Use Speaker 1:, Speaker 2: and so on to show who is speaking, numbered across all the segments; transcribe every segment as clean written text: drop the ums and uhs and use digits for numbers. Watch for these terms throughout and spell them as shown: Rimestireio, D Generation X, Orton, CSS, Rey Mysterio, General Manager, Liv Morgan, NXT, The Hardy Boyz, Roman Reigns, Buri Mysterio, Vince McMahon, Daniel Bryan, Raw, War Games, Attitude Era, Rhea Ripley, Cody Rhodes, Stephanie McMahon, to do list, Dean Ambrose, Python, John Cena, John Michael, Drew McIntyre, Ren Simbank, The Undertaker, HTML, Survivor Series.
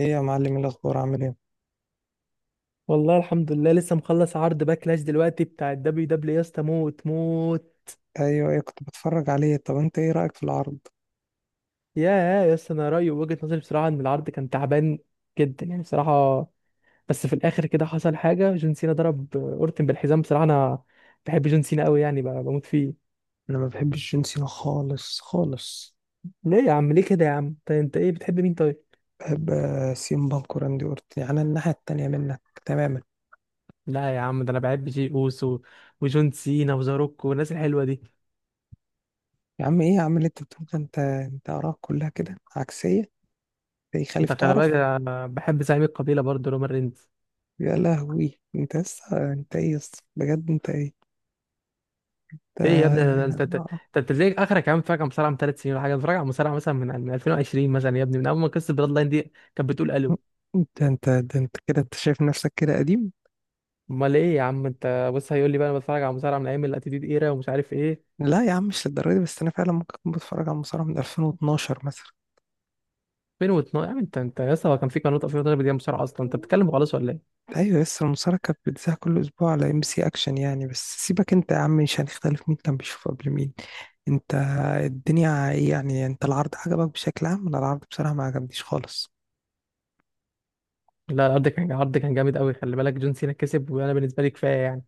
Speaker 1: ايه يا معلم؟ إيه الاخبار، عامل ايه؟
Speaker 2: والله الحمد لله، لسه مخلص عرض باكلاش دلوقتي بتاع الدبليو دبليو يا اسطى، موت موت.
Speaker 1: ايوه، ايه كنت بتفرج عليه. طب انت ايه رايك في العرض؟
Speaker 2: يا اسطى، انا رايي وجهة نظري بصراحه ان العرض كان تعبان جدا يعني بصراحه. بس في الاخر كده حصل حاجه، جون سينا ضرب اورتن بالحزام. بصراحه انا بحب جون سينا قوي، يعني بموت فيه.
Speaker 1: انا ما بحبش جون سينا خالص خالص.
Speaker 2: ليه يا عم؟ ليه كده يا عم؟ طيب انت ايه بتحب مين طيب؟
Speaker 1: بحب سيم بانك وراندي اورتن، يعني الناحيه التانيه منك تماما.
Speaker 2: لا يا عم، ده انا بحب جي اوسو وجون سينا وزاروك والناس الحلوه دي.
Speaker 1: يا عم ايه يا عم اللي انت بتقول ده؟ انت اراك كلها كده عكسيه. ايه
Speaker 2: انت
Speaker 1: خالف
Speaker 2: خلي بالك،
Speaker 1: تعرف.
Speaker 2: أنا بحب زعيم القبيله برضه رومان رينز.
Speaker 1: يا لهوي، انت لسه؟ انت ايه يا اسطى؟ بجد انت ايه؟
Speaker 2: ايه يا ابني؟ انا
Speaker 1: انت.
Speaker 2: انت انت أنت بتلاقيك اخرك يا عم، فاكر مصارعه من ثلاث سنين ولا حاجه؟ بتفرج على مصارعه مثلا من 2020 مثلا يا ابني، من اول ما قصه بلاد لاين دي كانت بتقول الو.
Speaker 1: انت ده انت كده انت شايف نفسك كده قديم؟
Speaker 2: امال ايه يا عم؟ انت بص، هيقول لي بقى انا بتفرج على مصارعه من ايام الاتيتيود ايرا ومش عارف ايه.
Speaker 1: لا يا عم مش للدرجه دي، بس انا فعلا ممكن اكون بتفرج على المصارعه من 2012 مثلا.
Speaker 2: 2012 يا عم؟ انت يا اسطى، هو كان في قناه 2012 بدي مصارعه اصلا؟ انت بتتكلم خالص ولا ايه؟
Speaker 1: ايوه لسه المشاركه بتذاع كل اسبوع على ام سي اكشن يعني. بس سيبك انت يا عم، مش هنختلف مين كان بيشوف قبل مين. انت الدنيا ايه يعني؟ انت العرض عجبك بشكل عام؟ انا العرض بصراحه ما عجبنيش خالص.
Speaker 2: لا، العرض كان جامد قوي، خلي بالك. جون سينا كسب، وانا بالنسبه لي كفايه يعني.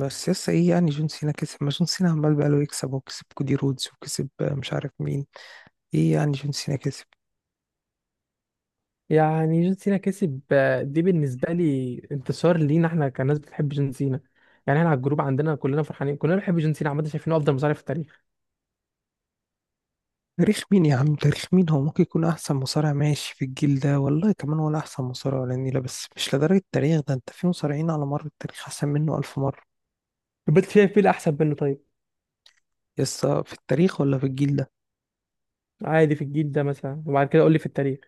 Speaker 1: بس لسه ايه يعني جون سينا كسب؟ ما جون سينا عمال بقاله يكسب، وكسب كودي رودز، وكسب مش عارف مين. ايه يعني جون سينا كسب؟
Speaker 2: يعني جون سينا كسب، دي بالنسبه لي انتصار لينا احنا كناس بتحب جون سينا. يعني احنا على الجروب عندنا كلنا فرحانين، كلنا بنحب جون سينا عامه، شايفينه افضل مصارع في التاريخ.
Speaker 1: تاريخ مين يا عم؟ تاريخ مين؟ هو ممكن يكون احسن مصارع ماشي في الجيل ده، والله كمان، ولا احسن مصارع ولا نيله، بس مش لدرجه التاريخ ده. انت في مصارعين على مر التاريخ احسن منه الف مره.
Speaker 2: بس شايف مين احسن منه طيب؟
Speaker 1: يسا في التاريخ ولا في الجيل ده؟
Speaker 2: عادي في الجيل ده مثلا، وبعد كده قول لي في التاريخ.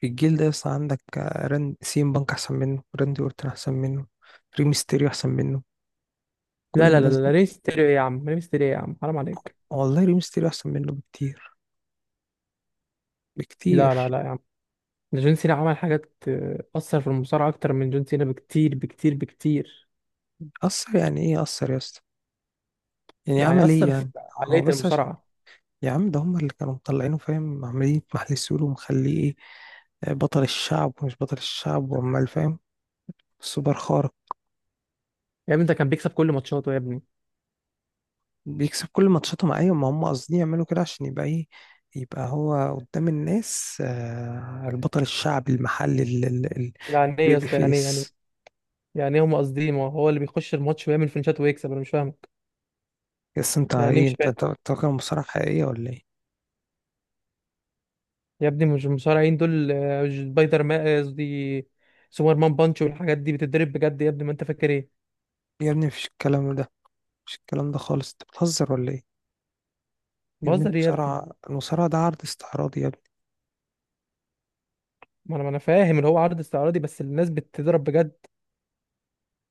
Speaker 1: في الجيل ده، يسا عندك ران سيم بانك احسن منه، راندي اورتون احسن منه، ريمستيريو احسن منه، كل
Speaker 2: لا لا لا
Speaker 1: الناس
Speaker 2: لا لا،
Speaker 1: دي-
Speaker 2: ريم ستيريو ايه يا عم؟ ريم ستيريو ايه يا عم؟ حرام عليك.
Speaker 1: والله ريمستيريو احسن منه بكتير،
Speaker 2: لا لا
Speaker 1: بكتير.
Speaker 2: لا يا عم، ده جون سينا عمل حاجات، اثر في المصارعه اكتر من جون سينا بكتير بكتير بكتير.
Speaker 1: اثر يعني ايه اثر يا اسطى؟ يعني
Speaker 2: يعني
Speaker 1: عمل ايه
Speaker 2: اثر في
Speaker 1: يعني؟ هو
Speaker 2: عقليه
Speaker 1: بس عشان
Speaker 2: المصارعه.
Speaker 1: يا عم ده هم اللي كانوا مطلعينه، فاهم؟ عمالين محل السور ومخليه ايه، بطل الشعب ومش بطل الشعب، وعمال فاهم، سوبر خارق.
Speaker 2: يا ابني ده كان بيكسب كل ماتشاته يا ابني.
Speaker 1: بيكسب كل ماتشاتهم ايوه، ما هم قاصدين يعملوا كده عشان يبقى ايه، يبقى هو قدام الناس البطل الشعبي المحلي
Speaker 2: يعني ايه يا
Speaker 1: البيبي
Speaker 2: اسطى؟ يعني إيه؟
Speaker 1: فيس.
Speaker 2: يعني إيه هم قاصدين؟ ما هو اللي بيخش الماتش ويعمل فينشات ويكسب، انا مش فاهمك.
Speaker 1: بس انت
Speaker 2: يعني إيه؟
Speaker 1: ايه؟
Speaker 2: مش
Speaker 1: انت
Speaker 2: فاهم.
Speaker 1: انت أنت فاكر المصارعة حقيقية ولا ايه؟
Speaker 2: يا ابني مش المصارعين دول سبايدر مان، قصدي سوبر مان بانش والحاجات دي، بتتدرب بجد يا ابني، ما انت فاكر ايه؟
Speaker 1: يا ابني مفيش الكلام ده، مش الكلام ده خالص. انت بتهزر ولا ايه؟ يا ابني
Speaker 2: بهزر يا ابني؟
Speaker 1: المصارعة، ده عرض استعراضي يا ابني.
Speaker 2: ما انا فاهم اللي هو عرض استعراضي، بس الناس بتضرب بجد.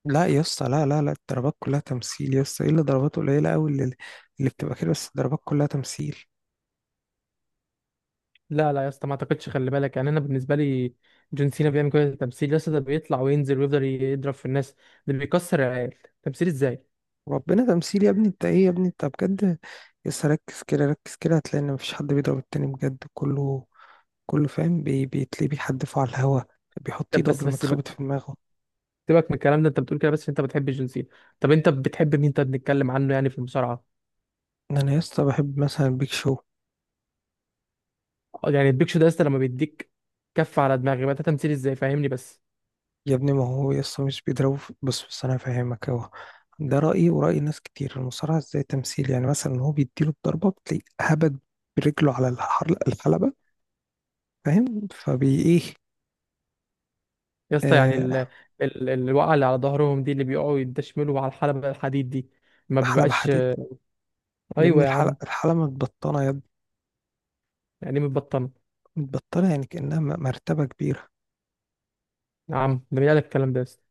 Speaker 1: لا يا اسطى، لا لا لا، الضربات كلها تمثيل يا اسطى. ايه اللي ضربات قليلة قوي اللي بتبقى كده، بس الضربات كلها تمثيل.
Speaker 2: لا لا يا اسطى، ما اعتقدش. خلي بالك يعني، انا بالنسبه لي جون سينا بيعمل كل التمثيل يا اسطى؟ ده بيطلع وينزل ويفضل يضرب في الناس، ده بيكسر العيال. تمثيل ازاي؟
Speaker 1: ربنا تمثيل يا ابني، انت ايه يا ابني انت بجد؟ يس ركز كده، ركز كده هتلاقي ان مفيش حد بيضرب التاني بجد، كله فاهم، بيتلاقيه بيحدفه على الهوا، بيحط
Speaker 2: طب
Speaker 1: ايده قبل
Speaker 2: بس
Speaker 1: ما
Speaker 2: بس
Speaker 1: تخبط في
Speaker 2: سيبك،
Speaker 1: دماغه.
Speaker 2: سيبك من الكلام ده. انت بتقول كده بس عشان انت بتحب جون سينا. طب انت بتحب مين طب، نتكلم عنه يعني في المصارعه.
Speaker 1: ان انا يسطا بحب مثلا بيك شو.
Speaker 2: يعني البيك شو ده يا اسطى، لما بيديك كف على دماغي بقى ده تمثيل ازاي؟ فاهمني بس.
Speaker 1: يا ابني ما هو يسطا مش بيضربه بص، انا فاهمك اهو. ده رأيي ورأي ناس كتير، المصارعة ازاي تمثيل يعني؟ مثلا هو بيديله الضربة، بتلاقيه هبد برجله على الحلبة، فاهم؟ فبي ايه؟
Speaker 2: يا اسطى يعني
Speaker 1: آه.
Speaker 2: الوقعه اللي على ظهرهم دي اللي بيقعوا يدشملوا على الحلبه الحديد دي، ما
Speaker 1: حلبة
Speaker 2: بيبقاش؟
Speaker 1: حديد؟ يا ابني
Speaker 2: ايوه يا عم.
Speaker 1: الحلبة متبطنة يا
Speaker 2: يعني متبطنه؟
Speaker 1: متبطلة يعني، كأنها مرتبة كبيرة
Speaker 2: يا عم ده مين قالك الكلام ده يا اسطى؟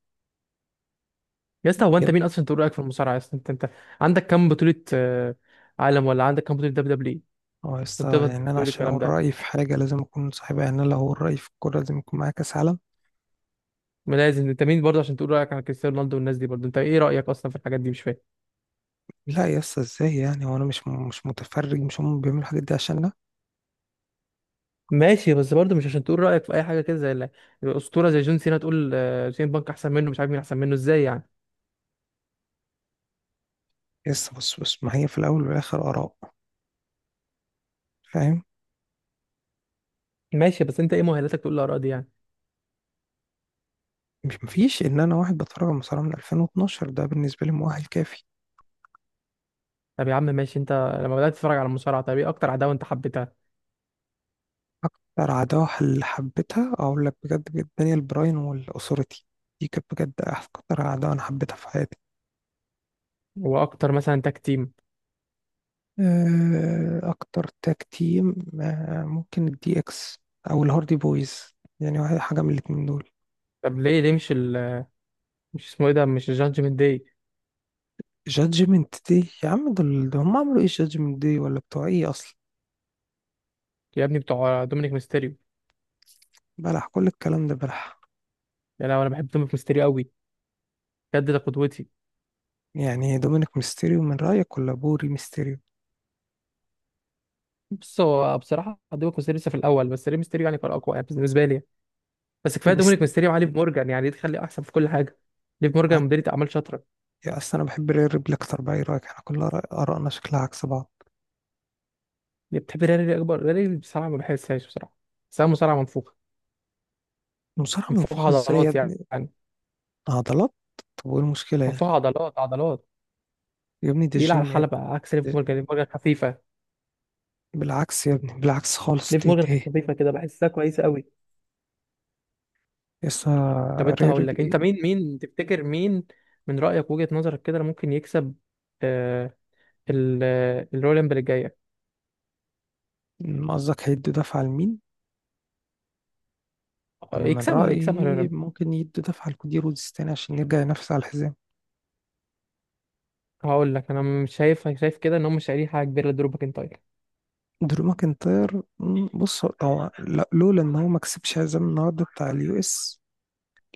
Speaker 2: يا اسطى هو انت
Speaker 1: جدا.
Speaker 2: مين اصلا تقول رايك في المصارعه يا اسطى؟ انت عندك كام بطوله عالم؟ ولا عندك كام بطوله دبليو دبليو
Speaker 1: هو
Speaker 2: عشان
Speaker 1: يسطا
Speaker 2: تقدر
Speaker 1: يعني أنا
Speaker 2: تقول
Speaker 1: عشان
Speaker 2: الكلام
Speaker 1: أقول
Speaker 2: ده؟
Speaker 1: رأيي في حاجة لازم أكون صاحبها؟ يعني أنا لو أقول رأيي في الكورة لازم يكون معايا كأس عالم؟
Speaker 2: ما لازم، انت مين برضه عشان تقول رايك عن كريستيانو رونالدو والناس دي برضه؟ انت ايه رايك اصلا في الحاجات دي؟ مش فاهم.
Speaker 1: لا يسطا إزاي يعني؟ هو أنا مش مش متفرج؟ مش هم بيعملوا الحاجات دي عشاننا؟
Speaker 2: ماشي، بس برضه مش عشان تقول رايك في اي حاجه كده، زي الاسطوره زي جون سينا تقول سين بانك احسن منه، مش عارف مين احسن منه، ازاي يعني؟
Speaker 1: يسطا بص، ما هي في الأول والآخر آراء، فاهم؟
Speaker 2: ماشي، بس انت ايه مؤهلاتك تقول الاراء دي يعني؟
Speaker 1: مش إن أنا واحد بتفرج على المصارعة من 2012، ده بالنسبة لي مؤهل كافي.
Speaker 2: طب يا عم ماشي، انت لما بدات تتفرج على المصارعه، طب ايه اكتر عداوه انت حبيتها؟
Speaker 1: أكتر عداوة اللي حبيتها أقول لك بجد، بجد دانيال براين والأوثوريتي، دي كانت بجد أكتر عداوة أنا حبيتها في حياتي.
Speaker 2: واكتر مثلا تاك تيم؟
Speaker 1: اكتر تاج تيم، ممكن الدي اكس او الهاردي بويز يعني، واحد حاجه من الاتنين دول.
Speaker 2: طب ليه ليه مش مش اسمه ايه ده، مش الجادجمنت داي؟
Speaker 1: جادجمنت دي يا عم؟ دول ده هم عملوا ايه؟ جادجمنت دي ولا بتوع ايه اصلا؟
Speaker 2: يا ابني بتوع دومينيك ميستيريو.
Speaker 1: بلح، كل الكلام ده بلح.
Speaker 2: يعني أنا بحب دومينيك ميستيريو قوي، بجد ده قدوتي.
Speaker 1: يعني دومينيك ميستيريو من رايك ولا بوري ميستيريو؟
Speaker 2: بص هو بصراحه دومينيك ميستيريو لسه في الاول، بس ري ميستيريو يعني كان اقوى يعني بالنسبه لي. بس كفايه
Speaker 1: ميست...
Speaker 2: دومينيك ميستيريو وعلي مورجان، يعني دي تخلي احسن في كل حاجه. ليف مورجان
Speaker 1: معاك.
Speaker 2: مديرة اعمال شاطره.
Speaker 1: يا اصل انا بحب رير ريبلي اكتر بقى. ايه رايك احنا كل ارائنا شكلها عكس بعض؟
Speaker 2: اللي بتحب ريالي، اكبر ريالي بصراحه ما بحسهاش بصراحه، بحسها مصارعه منفوخه.
Speaker 1: المصارعه
Speaker 2: منفوخه
Speaker 1: منفوخه ازاي يا
Speaker 2: عضلات يعني.
Speaker 1: ابني؟ عضلات؟ طب وايه المشكله يعني؟
Speaker 2: منفوخه عضلات عضلات،
Speaker 1: يا ابني دي
Speaker 2: تقيله على
Speaker 1: الجيم يا
Speaker 2: الحلبه. عكس ليف
Speaker 1: ابني.
Speaker 2: مورجان، ليف مورجان خفيفه.
Speaker 1: بالعكس يا ابني، بالعكس خالص،
Speaker 2: ليف
Speaker 1: دي,
Speaker 2: مورجان
Speaker 1: دي
Speaker 2: خفيفه كده، بحسها كويسه قوي.
Speaker 1: يسا
Speaker 2: طب انت
Speaker 1: رير
Speaker 2: هقول لك، انت
Speaker 1: بلاي.
Speaker 2: مين تفتكر مين من رأيك وجهة نظرك كده اللي ممكن يكسب آه الرولمبل الجاية؟
Speaker 1: قصدك هيدوا دفعة لمين؟ أنا من
Speaker 2: يكسبها، يكسبها
Speaker 1: رأيي
Speaker 2: الرولمبل.
Speaker 1: ممكن يدوا دفعة لكودي رودز تاني عشان يرجع ينافس على الحزام.
Speaker 2: هقول لك انا مش شايف كده ان هم مش شايلين حاجة كبيرة لدرو ماكنتاير.
Speaker 1: درو ماكنتاير، بص هو لولا إن هو ما كسبش حزام النهاردة بتاع اليو إس،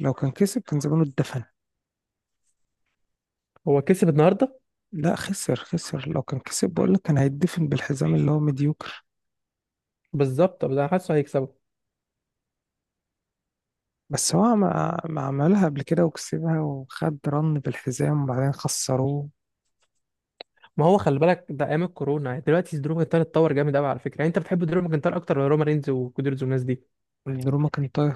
Speaker 1: لو كان كسب كان زمانه اتدفن.
Speaker 2: هو كسب النهارده.
Speaker 1: لا خسر، خسر. لو كان كسب بقولك كان هيتدفن بالحزام اللي هو مديوكر.
Speaker 2: بالظبط، ده انا حاسه هيكسبه.
Speaker 1: بس هو ما عملها قبل كده وكسبها، وخد رن بالحزام وبعدين خسروه.
Speaker 2: ما هو خلي بالك ده ايام الكورونا، يعني دلوقتي درو ماكنتاير اتطور جامد قوي على فكرة. يعني انت بتحب درو ماكنتاير اكتر ولا رومان رينز وكودي والناس دي؟
Speaker 1: درو ماكنتاير،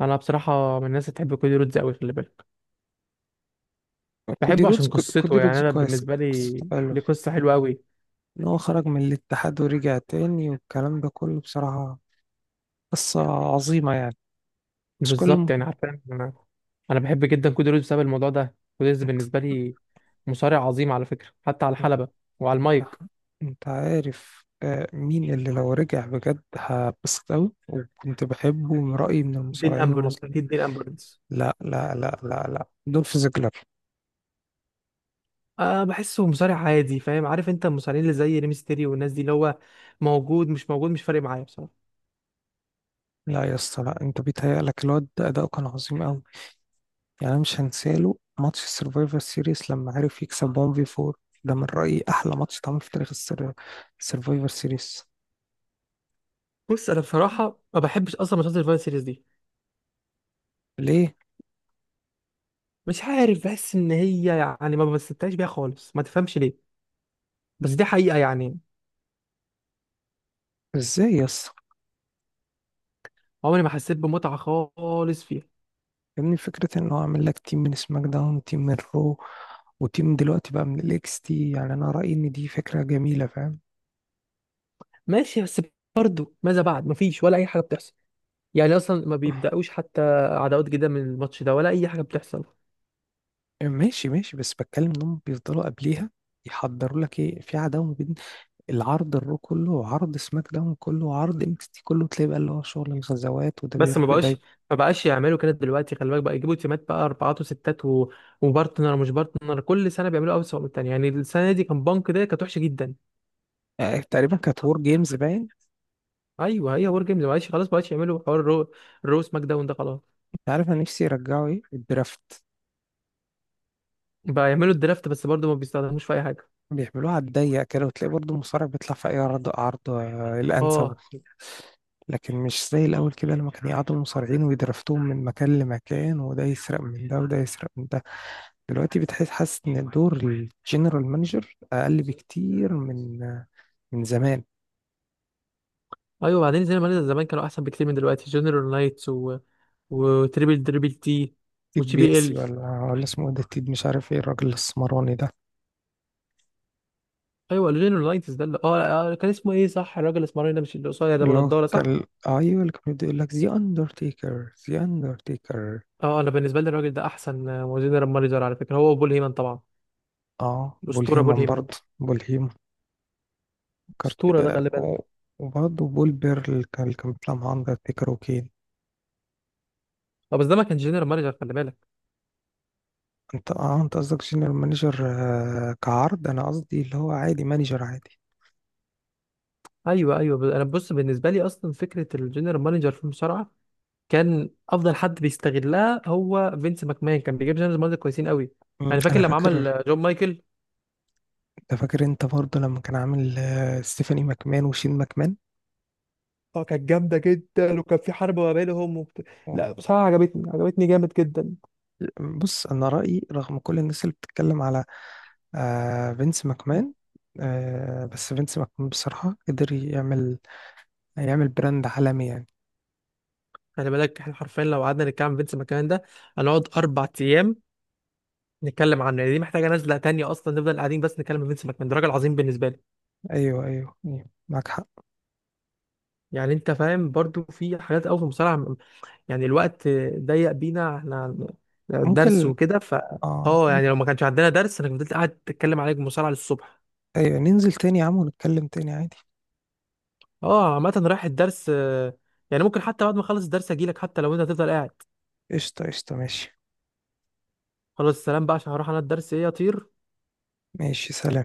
Speaker 2: انا بصراحة من الناس اللي بتحب كودي رودز قوي، خلي بالك.
Speaker 1: كودي
Speaker 2: بحبه
Speaker 1: رودز.
Speaker 2: عشان
Speaker 1: كودي
Speaker 2: قصته، يعني
Speaker 1: رودز
Speaker 2: انا
Speaker 1: كويس،
Speaker 2: بالنسبة لي ليه قصة حلوة قوي.
Speaker 1: ان هو خرج من الاتحاد ورجع تاني والكلام ده كله بصراحة، قصة عظيمة يعني. بس كل
Speaker 2: بالظبط
Speaker 1: م...
Speaker 2: يعني، عارفة انا، انا بحب جدا كود ريز بسبب الموضوع ده. كود ريز
Speaker 1: انت.
Speaker 2: بالنسبه لي مصارع عظيم على فكره، حتى على الحلبه وعلى المايك.
Speaker 1: انت عارف مين اللي لو رجع بجد هبسط أوي وكنت بحبه من رأيي من
Speaker 2: دين
Speaker 1: المصارعين
Speaker 2: امبرنس،
Speaker 1: المصريين؟
Speaker 2: اكيد دين امبرنس.
Speaker 1: لا لا لا لا لا، دولف زيجلر.
Speaker 2: أه، بحسه مصارع عادي فاهم؟ عارف انت، المصارعين اللي زي ريمستيريو والناس دي، اللي هو موجود مش موجود مش فارق معايا بصراحه.
Speaker 1: لا يا اسطى لا، انت بيتهيألك. الواد ده أداؤه كان عظيم أوي. يعني أنا مش هنساله ماتش السرفايفر سيريس لما عرف يكسب 1 في 4. ده من رأيي أحلى ماتش اتعمل في تاريخ السرفايفر سيريس.
Speaker 2: بص انا بصراحه ما بحبش اصلا ماتشات الفايت سيريز دي.
Speaker 1: ليه؟
Speaker 2: مش عارف، بحس ان هي يعني ما بستمتعش بيها خالص، ما تفهمش ليه، بس دي حقيقه يعني.
Speaker 1: ازاي يا اسطى؟
Speaker 2: عمري ما حسيت بمتعه خالص فيها.
Speaker 1: يعني فكرة ان هو عامل لك تيم من سماك داون، تيم من رو، وتيم دلوقتي بقى من الاكس تي، يعني انا رأيي ان دي فكرة جميلة، فاهم؟
Speaker 2: ماشي بس برضه ماذا بعد؟ مفيش ولا اي حاجه بتحصل. يعني اصلا ما بيبداوش حتى عداوات جديده من الماتش ده ولا اي حاجه بتحصل.
Speaker 1: ماشي، بس بتكلم انهم بيفضلوا قبليها يحضروا لك ايه في عداوة بين العرض الرو كله وعرض سماك داون كله وعرض اكس تي كله، تلاقي بقى اللي هو شغل الغزوات وده
Speaker 2: بس ما
Speaker 1: بيروح
Speaker 2: بقاش،
Speaker 1: لده.
Speaker 2: ما بقاش يعملوا كده دلوقتي، خلي بالك بقى. يجيبوا تيمات بقى اربعات وستات وبارتنر ومش بارتنر، كل سنه بيعملوا اوسع من التانيه. يعني السنه دي كان بانك ده كانت وحشه جدا.
Speaker 1: يعني تقريبا كانت وور جيمز باين.
Speaker 2: ايوه هي وور جيمز، ما بقاش خلاص. ما بقاش يعملوا حوار الرو، الرو سماك داون ده خلاص.
Speaker 1: انت عارف انا نفسي يرجعوا ايه؟ الدرافت.
Speaker 2: بقى يعملوا الدرافت، بس برضه ما بيستخدموش في اي حاجه.
Speaker 1: بيعملوها على الضيق كده، وتلاقي برضه المصارع بيطلع في اي عرض، عرض الانسب،
Speaker 2: اه
Speaker 1: لكن مش زي الأول كده لما كانوا يقعدوا المصارعين ويدرفتوهم من مكان لمكان، وده يسرق من ده وده يسرق من ده. دلوقتي حاسس إن دور الجنرال مانجر أقل بكتير من من زمان.
Speaker 2: ايوه، بعدين زي ما قلنا زمان كانوا احسن بكتير من دلوقتي. جنرال نايتس وتريبل دريبل تي،
Speaker 1: تيد
Speaker 2: وجي بي
Speaker 1: بياسي،
Speaker 2: ال.
Speaker 1: ولا اسمه إيه ده؟ تيد مش عارف ايه، الراجل السمراني ده.
Speaker 2: ايوه الجينيرولايتس ده اللي كان اسمه ايه؟ صح، الراجل الاسمراني ده، مش اللي قصير ده
Speaker 1: اللي هو
Speaker 2: بنضاره؟ صح.
Speaker 1: كان، ايوه اللي كان بيقول لك ذا اندرتيكر، ذا اندرتيكر.
Speaker 2: اه انا بالنسبه لي الراجل ده احسن جنرال مانجر على فكره، هو بول هيمن طبعا.
Speaker 1: اه بول
Speaker 2: الاسطوره بول
Speaker 1: هيمن،
Speaker 2: هيمن،
Speaker 1: برضه بول هيمن. كارت...
Speaker 2: اسطوره ده
Speaker 1: آه.
Speaker 2: خلي بالك.
Speaker 1: و- وبرضه بول بيرل كان اللي كان بيطلع مع اندرتيكر وكين.
Speaker 2: اه بس ده ما كانش جنرال مانجر، خلي بالك.
Speaker 1: انت اه انت قصدك جنرال مانجر، كعرض؟ انا قصدي اللي هو عادي، مانجر عادي.
Speaker 2: ايوه ايوه انا بص بالنسبه لي اصلا فكره الجنرال مانجر في المصارعه، كان افضل حد بيستغلها هو فينس ماكمان. كان بيجيب جنرال مانجر كويسين قوي.
Speaker 1: مم.
Speaker 2: يعني فاكر
Speaker 1: انا
Speaker 2: لما عمل
Speaker 1: فاكر.
Speaker 2: جون مايكل.
Speaker 1: انت فاكر انت برضه لما كان عامل ستيفاني ماكمان وشين ماكمان؟
Speaker 2: اه كانت جامده جدا، وكان في حرب ما بينهم لا
Speaker 1: أوه.
Speaker 2: بصراحه عجبتني، عجبتني جامد جدا.
Speaker 1: بص انا رأيي رغم كل الناس اللي بتتكلم على آه فينس ماكمان، بس فينس ماكمان بصراحة قدر يعمل، يعمل براند عالمي يعني.
Speaker 2: خلي بالك احنا حرفيا لو قعدنا نتكلم عن فينس ماكمان ده هنقعد اربع ايام نتكلم عنه. يعني دي محتاجه نزله تانية اصلا، نفضل قاعدين بس نتكلم عن فينس ماكمان. ده راجل عظيم بالنسبه لي.
Speaker 1: ايوه، أيوة. معاك حق.
Speaker 2: يعني انت فاهم برضو في حاجات قوي في المصارعه يعني الوقت ضيق بينا احنا، درس
Speaker 1: ممكن.
Speaker 2: وكده ف
Speaker 1: اه.
Speaker 2: اه. يعني لو ما كانش عندنا درس انا فضلت قاعد اتكلم عليك مصارعه للصبح.
Speaker 1: ايوه ننزل تاني يا عم ونتكلم تاني عادي.
Speaker 2: اه عامه رايح الدرس يعني ممكن حتى بعد ما اخلص الدرس اجي لك حتى لو انت هتفضل قاعد.
Speaker 1: قشطة قشطة، ماشي.
Speaker 2: خلاص السلام بقى، عشان هروح انا الدرس. ايه اطير.
Speaker 1: ماشي، سلام.